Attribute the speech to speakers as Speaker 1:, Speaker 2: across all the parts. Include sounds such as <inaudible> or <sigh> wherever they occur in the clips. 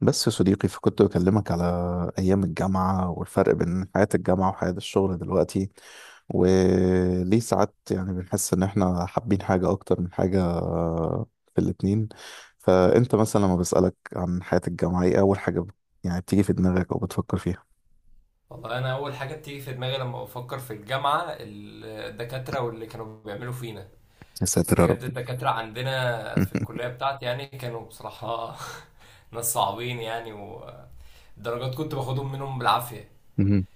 Speaker 1: بس يا صديقي فكنت بكلمك على أيام الجامعة والفرق بين حياة الجامعة وحياة الشغل دلوقتي، وليه ساعات يعني بنحس إن إحنا حابين حاجة أكتر من حاجة في الاتنين. فأنت مثلا لما بسألك عن حياة الجامعة، إيه أول حاجة يعني بتيجي في دماغك أو بتفكر فيها؟
Speaker 2: والله انا اول حاجه بتيجي في دماغي لما بفكر في الجامعه الدكاتره واللي كانوا بيعملوا فينا.
Speaker 1: يا ساتر يا رب.
Speaker 2: بجد الدكاتره عندنا في
Speaker 1: <laughs>
Speaker 2: الكليه بتاعتي يعني كانوا بصراحه <laughs> ناس صعبين يعني، والدرجات كنت باخدهم منهم بالعافيه.
Speaker 1: مهم.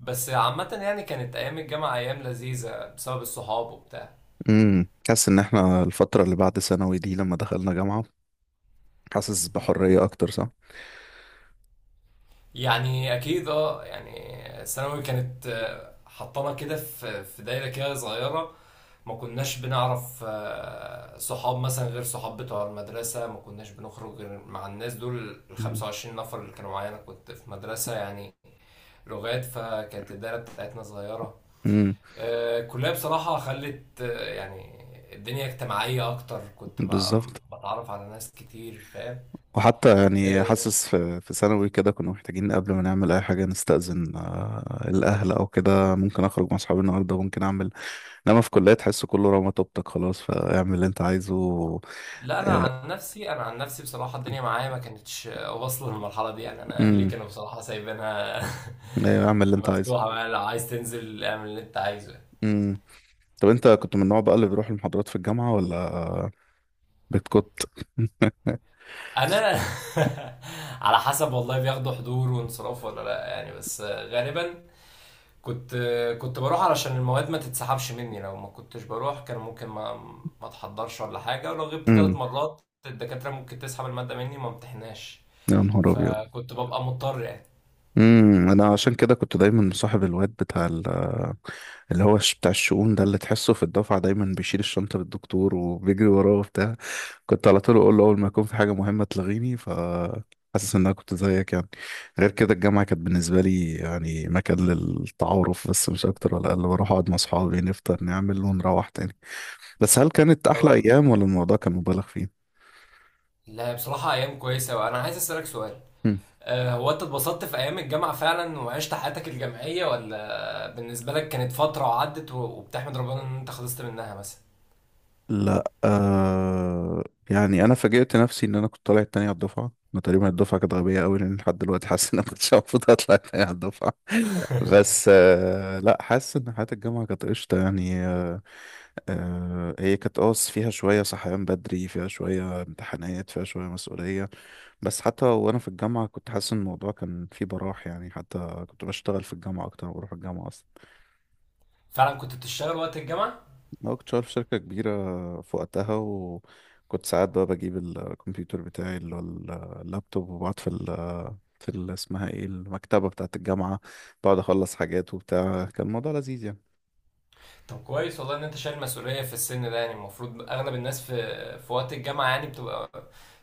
Speaker 2: بس عامه يعني كانت ايام الجامعه ايام لذيذه بسبب الصحاب وبتاع.
Speaker 1: مم. حاسس إن إحنا الفترة اللي بعد ثانوي دي لما دخلنا جامعة حاسس بحرية أكتر، صح؟
Speaker 2: يعني اكيد يعني ثانوي كانت، حطانا كده في دايره كده صغيره. ما كناش بنعرف صحاب مثلا غير صحاب بتوع المدرسة، ما كناش بنخرج غير مع الناس دول. ال
Speaker 1: مم.
Speaker 2: 25 نفر اللي كانوا معايا، أنا كنت في مدرسة يعني لغات، فكانت الدايرة بتاعتنا صغيرة.
Speaker 1: مم.
Speaker 2: الكلية بصراحة خلت، يعني الدنيا اجتماعية أكتر.
Speaker 1: بالظبط.
Speaker 2: بتعرف على ناس كتير، فاهم؟
Speaker 1: وحتى يعني
Speaker 2: آه،
Speaker 1: حاسس في ثانوي كده كنا محتاجين قبل ما نعمل اي حاجه نستأذن، الاهل او كده، ممكن اخرج مع اصحابي النهارده، ممكن اعمل. انما في كليه تحس كله رمى طوبتك خلاص فاعمل اللي انت عايزه.
Speaker 2: لا،
Speaker 1: آه.
Speaker 2: أنا عن نفسي بصراحة الدنيا معايا ما كانتش واصلة للمرحلة دي. يعني أنا أهلي
Speaker 1: امم.
Speaker 2: كانوا بصراحة سايبينها
Speaker 1: ايوه اعمل اللي
Speaker 2: <laughs>
Speaker 1: انت
Speaker 2: مفتوحة
Speaker 1: عايزه.
Speaker 2: بقى، لو عايز تنزل اعمل اللي أنت عايزه.
Speaker 1: امم. طب انت كنت من النوع بقى اللي بيروح المحاضرات في الجامعه ولا بتكت؟
Speaker 2: انا <laughs> على حسب والله، بياخدوا حضور وانصراف ولا لا يعني، بس غالبا كنت كنت بروح علشان المواد ما تتسحبش مني. لو ما كنتش بروح كان ممكن ما اتحضرش ولا حاجه، ولو غبت ثلاث
Speaker 1: امم.
Speaker 2: مرات الدكاتره ممكن تسحب الماده مني، ما امتحناش.
Speaker 1: يا نهار ابيض.
Speaker 2: فكنت ببقى مضطر يعني.
Speaker 1: امم. انا عشان كده كنت دايما مصاحب الواد بتاع اللي هو بتاع الشؤون ده، اللي تحسه في الدفعة دايما بيشيل الشنطة للدكتور وبيجري وراه وبتاع. كنت على طول أقول له أول ما يكون في حاجة مهمة تلغيني، حاسس إن أنا كنت زيك يعني. غير كده الجامعة كانت بالنسبة لي يعني مكان للتعارف بس، مش أكتر ولا أقل. بروح أقعد مع أصحابي نفطر نعمل ونروح تاني. بس هل كانت أحلى
Speaker 2: طبعا.
Speaker 1: أيام ولا الموضوع كان مبالغ فيه؟
Speaker 2: لا بصراحه ايام كويسه، وانا عايز اسالك سؤال، هو انت اتبسطت في ايام الجامعه فعلا وعشت حياتك الجامعيه، ولا بالنسبه لك كانت فتره وعدت و- وبتحمد ربنا ان انت خلصت منها مثلا؟
Speaker 1: لا. يعني انا فاجئت نفسي ان انا كنت طالع التاني على الدفعه. انا تقريبا الدفعه كانت غبيه قوي لان لحد دلوقتي حاسس ان انا كنتش المفروض اطلع التاني على الدفعه. <laughs> بس لا، حاسس ان حياه الجامعه كانت قشطه يعني. هي كانت، فيها شويه صحيان بدري، فيها شويه امتحانات، فيها شويه مسؤوليه. بس حتى وانا في الجامعه كنت حاسس ان الموضوع كان فيه براح يعني، حتى كنت بشتغل في الجامعه اكتر ما بروح الجامعه.
Speaker 2: فعلا كنت بتشتغل وقت الجامعة؟
Speaker 1: أنا كنت شغال في شركة كبيرة في وقتها، وكنت ساعات بقى بجيب الكمبيوتر بتاعي اللي هو اللابتوب، وبقعد في اسمها ايه، المكتبة بتاعة الجامعة. بقعد أخلص حاجات وبتاع. كان الموضوع لذيذ يعني.
Speaker 2: طب كويس والله ان انت شايل مسؤولية في السن ده، يعني المفروض اغلب الناس في وقت الجامعة يعني بتبقى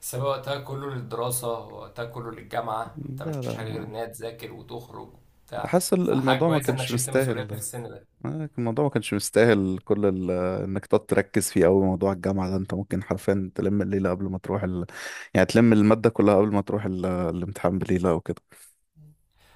Speaker 2: سابقة وقتها كله للدراسة، وقتها كله للجامعة، ما
Speaker 1: لا
Speaker 2: بتعملش
Speaker 1: لا.
Speaker 2: حاجة غير
Speaker 1: ما
Speaker 2: انها تذاكر وتخرج وبتاع،
Speaker 1: حاسس
Speaker 2: فحاجة
Speaker 1: الموضوع ما
Speaker 2: كويسة انك
Speaker 1: كانش
Speaker 2: شلت مسؤولية
Speaker 1: مستاهل
Speaker 2: في
Speaker 1: ده.
Speaker 2: السن ده.
Speaker 1: الموضوع ما كانش مستاهل كل انك تقعد تركز فيه أوي. موضوع الجامعة ده انت ممكن حرفيا تلم الليلة قبل ما تروح يعني تلم المادة كلها قبل ما تروح الامتحان، بليلة أو كده.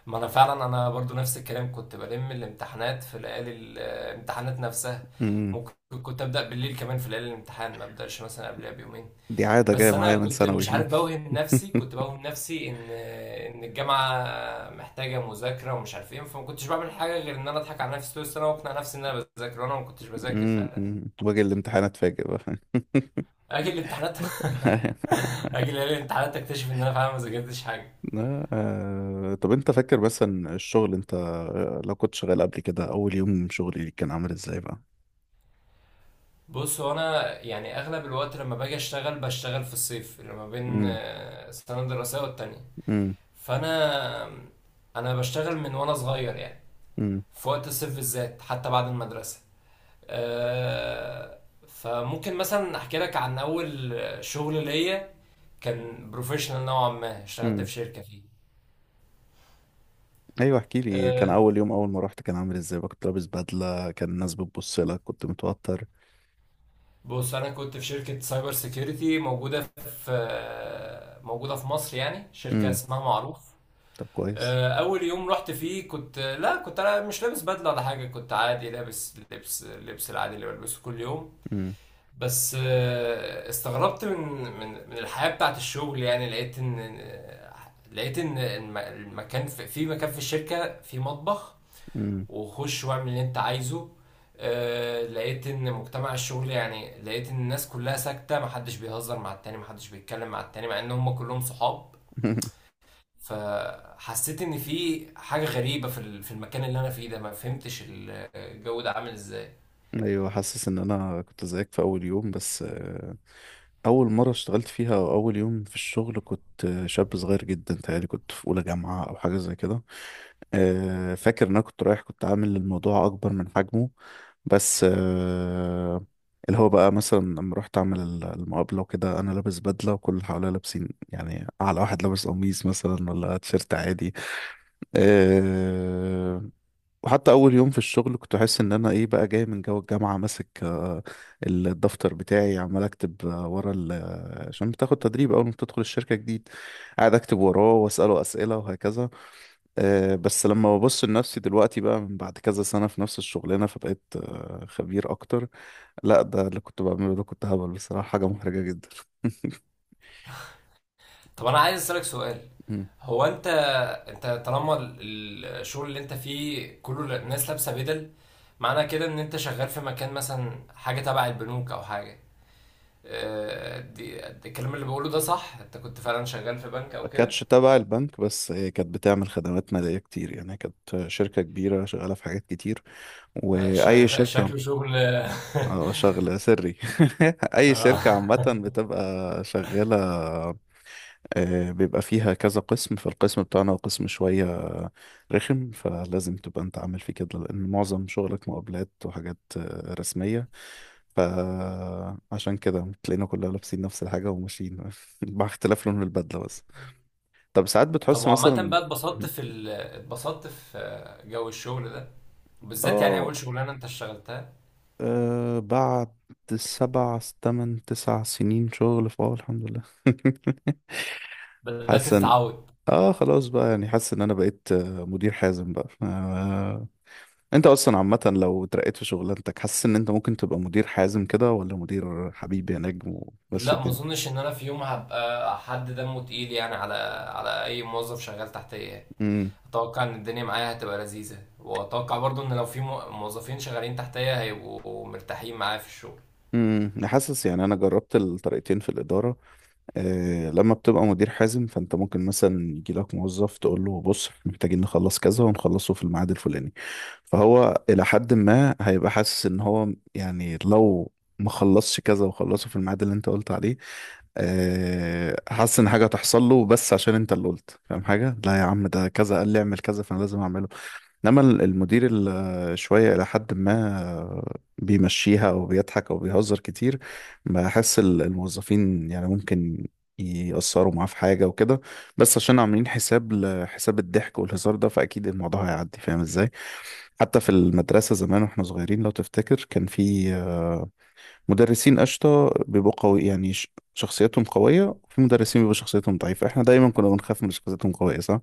Speaker 2: ما انا فعلا، انا برضو نفس الكلام، كنت بلم الامتحانات في ليالي الامتحانات نفسها.
Speaker 1: مم.
Speaker 2: ممكن كنت ابدأ بالليل كمان في ليالي الامتحان، ما ابدأش مثلا قبلها بيومين.
Speaker 1: دي عادة جاية
Speaker 2: بس انا
Speaker 1: معايا من
Speaker 2: كنت
Speaker 1: ثانوي
Speaker 2: مش
Speaker 1: فاهم.
Speaker 2: عارف، بوهم نفسي،
Speaker 1: <laughs>
Speaker 2: كنت بوهم نفسي ان الجامعه محتاجه مذاكره ومش عارف ايه، فما كنتش بعمل حاجه غير ان انا اضحك على نفسي طول السنه واقنع نفسي ان انا بذاكر وانا ما كنتش بذاكر
Speaker 1: امم.
Speaker 2: فعلا.
Speaker 1: أمم. واجي الامتحان اتفاجئ بقى.
Speaker 2: اجي الامتحانات،
Speaker 1: <laughs>
Speaker 2: <laughs> اجي ليالي الامتحانات اكتشف ان انا فعلا ما ذاكرتش حاجه.
Speaker 1: لا. طب انت فاكر مثلا الشغل، انت لو كنت شغال قبل كده، اول يوم شغلي كان عامل ازاي بقى؟
Speaker 2: بص هو انا يعني اغلب الوقت لما باجي اشتغل بشتغل في الصيف اللي ما بين
Speaker 1: امم.
Speaker 2: سنه دراسيه والتانيه.
Speaker 1: امم.
Speaker 2: فانا بشتغل من وانا صغير يعني،
Speaker 1: امم.
Speaker 2: في وقت الصيف بالذات حتى بعد المدرسه. آه، فممكن مثلا احكي لك عن اول شغل ليا، كان بروفيشنال نوعا ما، اشتغلت
Speaker 1: أمم.
Speaker 2: في شركه فيه.
Speaker 1: ايوه احكي لي، كان
Speaker 2: آه،
Speaker 1: اول يوم اول ما رحت كان عامل ازاي بقى، كنت لابس بدلة، كان الناس بتبص لك، كنت متوتر؟
Speaker 2: بص انا كنت في شركه سايبر سيكيورتي موجوده في مصر يعني، شركه
Speaker 1: امم.
Speaker 2: اسمها معروف.
Speaker 1: طب كويس.
Speaker 2: اول يوم رحت فيه، لا، كنت انا مش لابس بدله ولا حاجه، كنت عادي لابس لبس العادي اللي بلبسه كل يوم.
Speaker 1: امم.
Speaker 2: بس استغربت من الحياة بتاعت الشغل يعني. لقيت ان المكان في مكان في الشركة، في مطبخ،
Speaker 1: امم.
Speaker 2: وخش واعمل اللي انت عايزه. لقيت ان مجتمع الشغل، يعني لقيت ان الناس كلها ساكتة، محدش بيهزر مع التاني، محدش بيتكلم مع التاني، مع ان هم كلهم صحاب.
Speaker 1: <laughs>
Speaker 2: فحسيت ان في حاجة غريبة في المكان اللي انا فيه ده، ما فهمتش الجو ده عامل ازاي.
Speaker 1: ايوه حاسس ان انا كنت زيك في اول يوم، بس اول مره اشتغلت فيها او اول يوم في الشغل كنت شاب صغير جدا، تهيألي كنت في اولى جامعه او حاجه زي كده. فاكر ان انا كنت رايح كنت عامل الموضوع اكبر من حجمه. بس اللي هو بقى مثلا لما رحت اعمل المقابله وكده، انا لابس بدله وكل اللي حواليا لابسين يعني، اعلى واحد لابس قميص مثلا ولا تيشيرت عادي. آه، وحتى اول يوم في الشغل كنت احس ان انا ايه بقى، جاي من جو الجامعه ماسك الدفتر بتاعي عمال اكتب ورا عشان بتاخد تدريب اول ما بتدخل الشركه جديد. قاعد اكتب وراه واساله اسئله وهكذا. بس لما ببص لنفسي دلوقتي بقى من بعد كذا سنه في نفس الشغلانه فبقيت خبير اكتر. لا، ده اللي كنت بعمله ده كنت هبل بصراحه، حاجه محرجه جدا.
Speaker 2: طب انا عايز اسألك سؤال،
Speaker 1: <laughs>
Speaker 2: هو انت طالما الشغل اللي انت فيه كل الناس لابسه بدل، معنى كده ان انت شغال في مكان مثلا حاجه تبع البنوك او حاجه. دي الكلام اللي بقوله ده صح؟ انت كنت فعلا شغال في بنك
Speaker 1: ما
Speaker 2: او كده؟
Speaker 1: كانتش تبع البنك، بس هي كانت بتعمل خدمات مالية كتير يعني، كانت شركة كبيرة شغالة في حاجات كتير. وأي شركة
Speaker 2: شكله شغل. <laughs>
Speaker 1: اه شغلة سري. <laughs> أي
Speaker 2: آه.
Speaker 1: شركة عامة بتبقى شغالة، بيبقى فيها كذا قسم. فالقسم بتاعنا قسم شوية رخم، فلازم تبقى أنت عامل فيه كده لأن معظم شغلك مقابلات وحاجات رسمية. فعشان كده تلاقينا كلنا لابسين نفس الحاجة وماشيين <laughs> مع اختلاف لون البدلة. طب ساعات
Speaker 2: طب
Speaker 1: بتحس
Speaker 2: وعامة
Speaker 1: مثلا،
Speaker 2: بقى، اتبسطت في جو الشغل ده بالذات، يعني
Speaker 1: اه
Speaker 2: اول شغلانة انت اشتغلتها،
Speaker 1: بعد 7 8 9 سنين شغل، فاه الحمد لله. <laughs>
Speaker 2: بدأت
Speaker 1: حاسس ان،
Speaker 2: تتعود؟
Speaker 1: اه خلاص بقى يعني حاسس ان انا بقيت مدير حازم بقى. انت اصلا عامة لو اترقيت في شغلانتك حاسس ان انت ممكن تبقى مدير حازم كده، ولا مدير حبيبي يا نجم، ومشي
Speaker 2: لا، ما
Speaker 1: الدنيا.
Speaker 2: اظنش ان انا في يوم هبقى حد دمه تقيل، يعني على اي موظف شغال تحتيه يعني.
Speaker 1: امم.
Speaker 2: اتوقع ان الدنيا معايا هتبقى لذيذة، واتوقع برضو ان لو في موظفين شغالين تحتيا هيبقوا مرتاحين معايا في الشغل.
Speaker 1: امم. أنا حاسس يعني انا جربت الطريقتين في الادارة. لما بتبقى مدير حازم فانت ممكن مثلا يجي لك موظف تقول له بص إحنا محتاجين نخلص كذا ونخلصه في الميعاد الفلاني. فهو الى حد ما هيبقى حاسس ان هو، يعني لو ما خلصش كذا وخلصه في الميعاد اللي انت قلت عليه، حاسس ان حاجه هتحصل له، بس عشان انت اللي قلت، فاهم حاجه؟ لا يا عم، ده كذا قال لي اعمل كذا فانا لازم اعمله. انما المدير اللي شويه الى حد ما بيمشيها او بيضحك او بيهزر كتير، بحس الموظفين يعني ممكن يأثروا معاه في حاجه وكده، بس عشان عاملين حساب لحساب الضحك والهزار ده فاكيد الموضوع هيعدي، فاهم ازاي؟ حتى في المدرسه زمان واحنا صغيرين لو تفتكر كان في مدرسين قشطه بيبقوا قوي يعني، شخصيتهم قويه، وفي مدرسين بيبقوا شخصيتهم ضعيفه. احنا دايما كنا بنخاف من شخصيتهم قويه، صح؟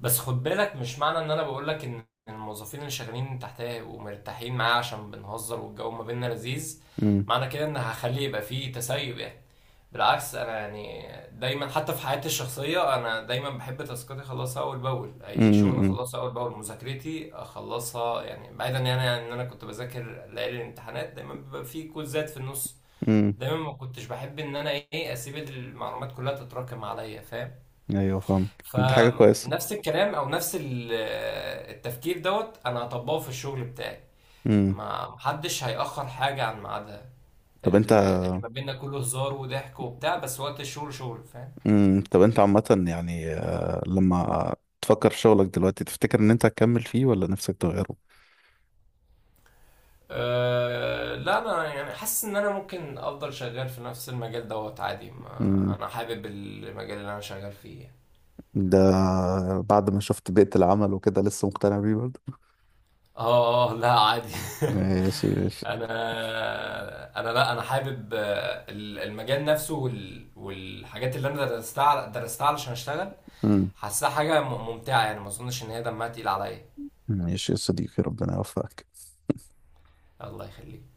Speaker 2: بس خد بالك، مش معنى ان انا بقول لك ان الموظفين اللي شغالين تحتيا هيبقوا مرتاحين معايا عشان بنهزر والجو ما بيننا لذيذ،
Speaker 1: امم.
Speaker 2: معنى كده ان هخلي يبقى فيه تسيب يعني. بالعكس انا يعني، دايما حتى في حياتي الشخصيه انا دايما بحب تاسكاتي اخلصها اول باول، اي شغل اخلصها اول باول، مذاكرتي اخلصها، يعني بعيدا يعني عن ان انا كنت بذاكر ليالي الامتحانات دايما بيبقى فيه كوزات في النص.
Speaker 1: امم.
Speaker 2: دايما ما كنتش بحب ان انا ايه اسيب المعلومات كلها تتراكم عليا، فاهم؟
Speaker 1: ايوه فاهمك، دي حاجة كويسة.
Speaker 2: فنفس الكلام او نفس التفكير دوت انا هطبقه في الشغل بتاعي،
Speaker 1: امم
Speaker 2: ما محدش هيأخر حاجة عن ميعادها.
Speaker 1: طب انت
Speaker 2: اللي ما بيننا كله هزار وضحك وبتاع، بس وقت الشغل شغل، فاهم؟
Speaker 1: طب انت عامة يعني، لما تفكر في شغلك دلوقتي تفتكر ان انت هتكمل فيه ولا نفسك تغيره؟
Speaker 2: أه لا، انا يعني حاسس ان انا ممكن افضل شغال في نفس المجال دوت عادي، ما
Speaker 1: امم
Speaker 2: انا حابب المجال اللي انا شغال فيه.
Speaker 1: ده بعد ما شفت بيئة العمل وكده لسه مقتنع بيه برضه؟
Speaker 2: اه اه، لا عادي. <laughs>
Speaker 1: ماشي ماشي.
Speaker 2: انا لا، انا حابب المجال نفسه، والحاجات اللي انا درستها درستها علشان اشتغل.
Speaker 1: امم
Speaker 2: حاسها حاجه ممتعه، يعني ما اظنش ان هي دمها تقيل عليا.
Speaker 1: ماشي يا صديقي ربنا يوفقك.
Speaker 2: الله يخليك.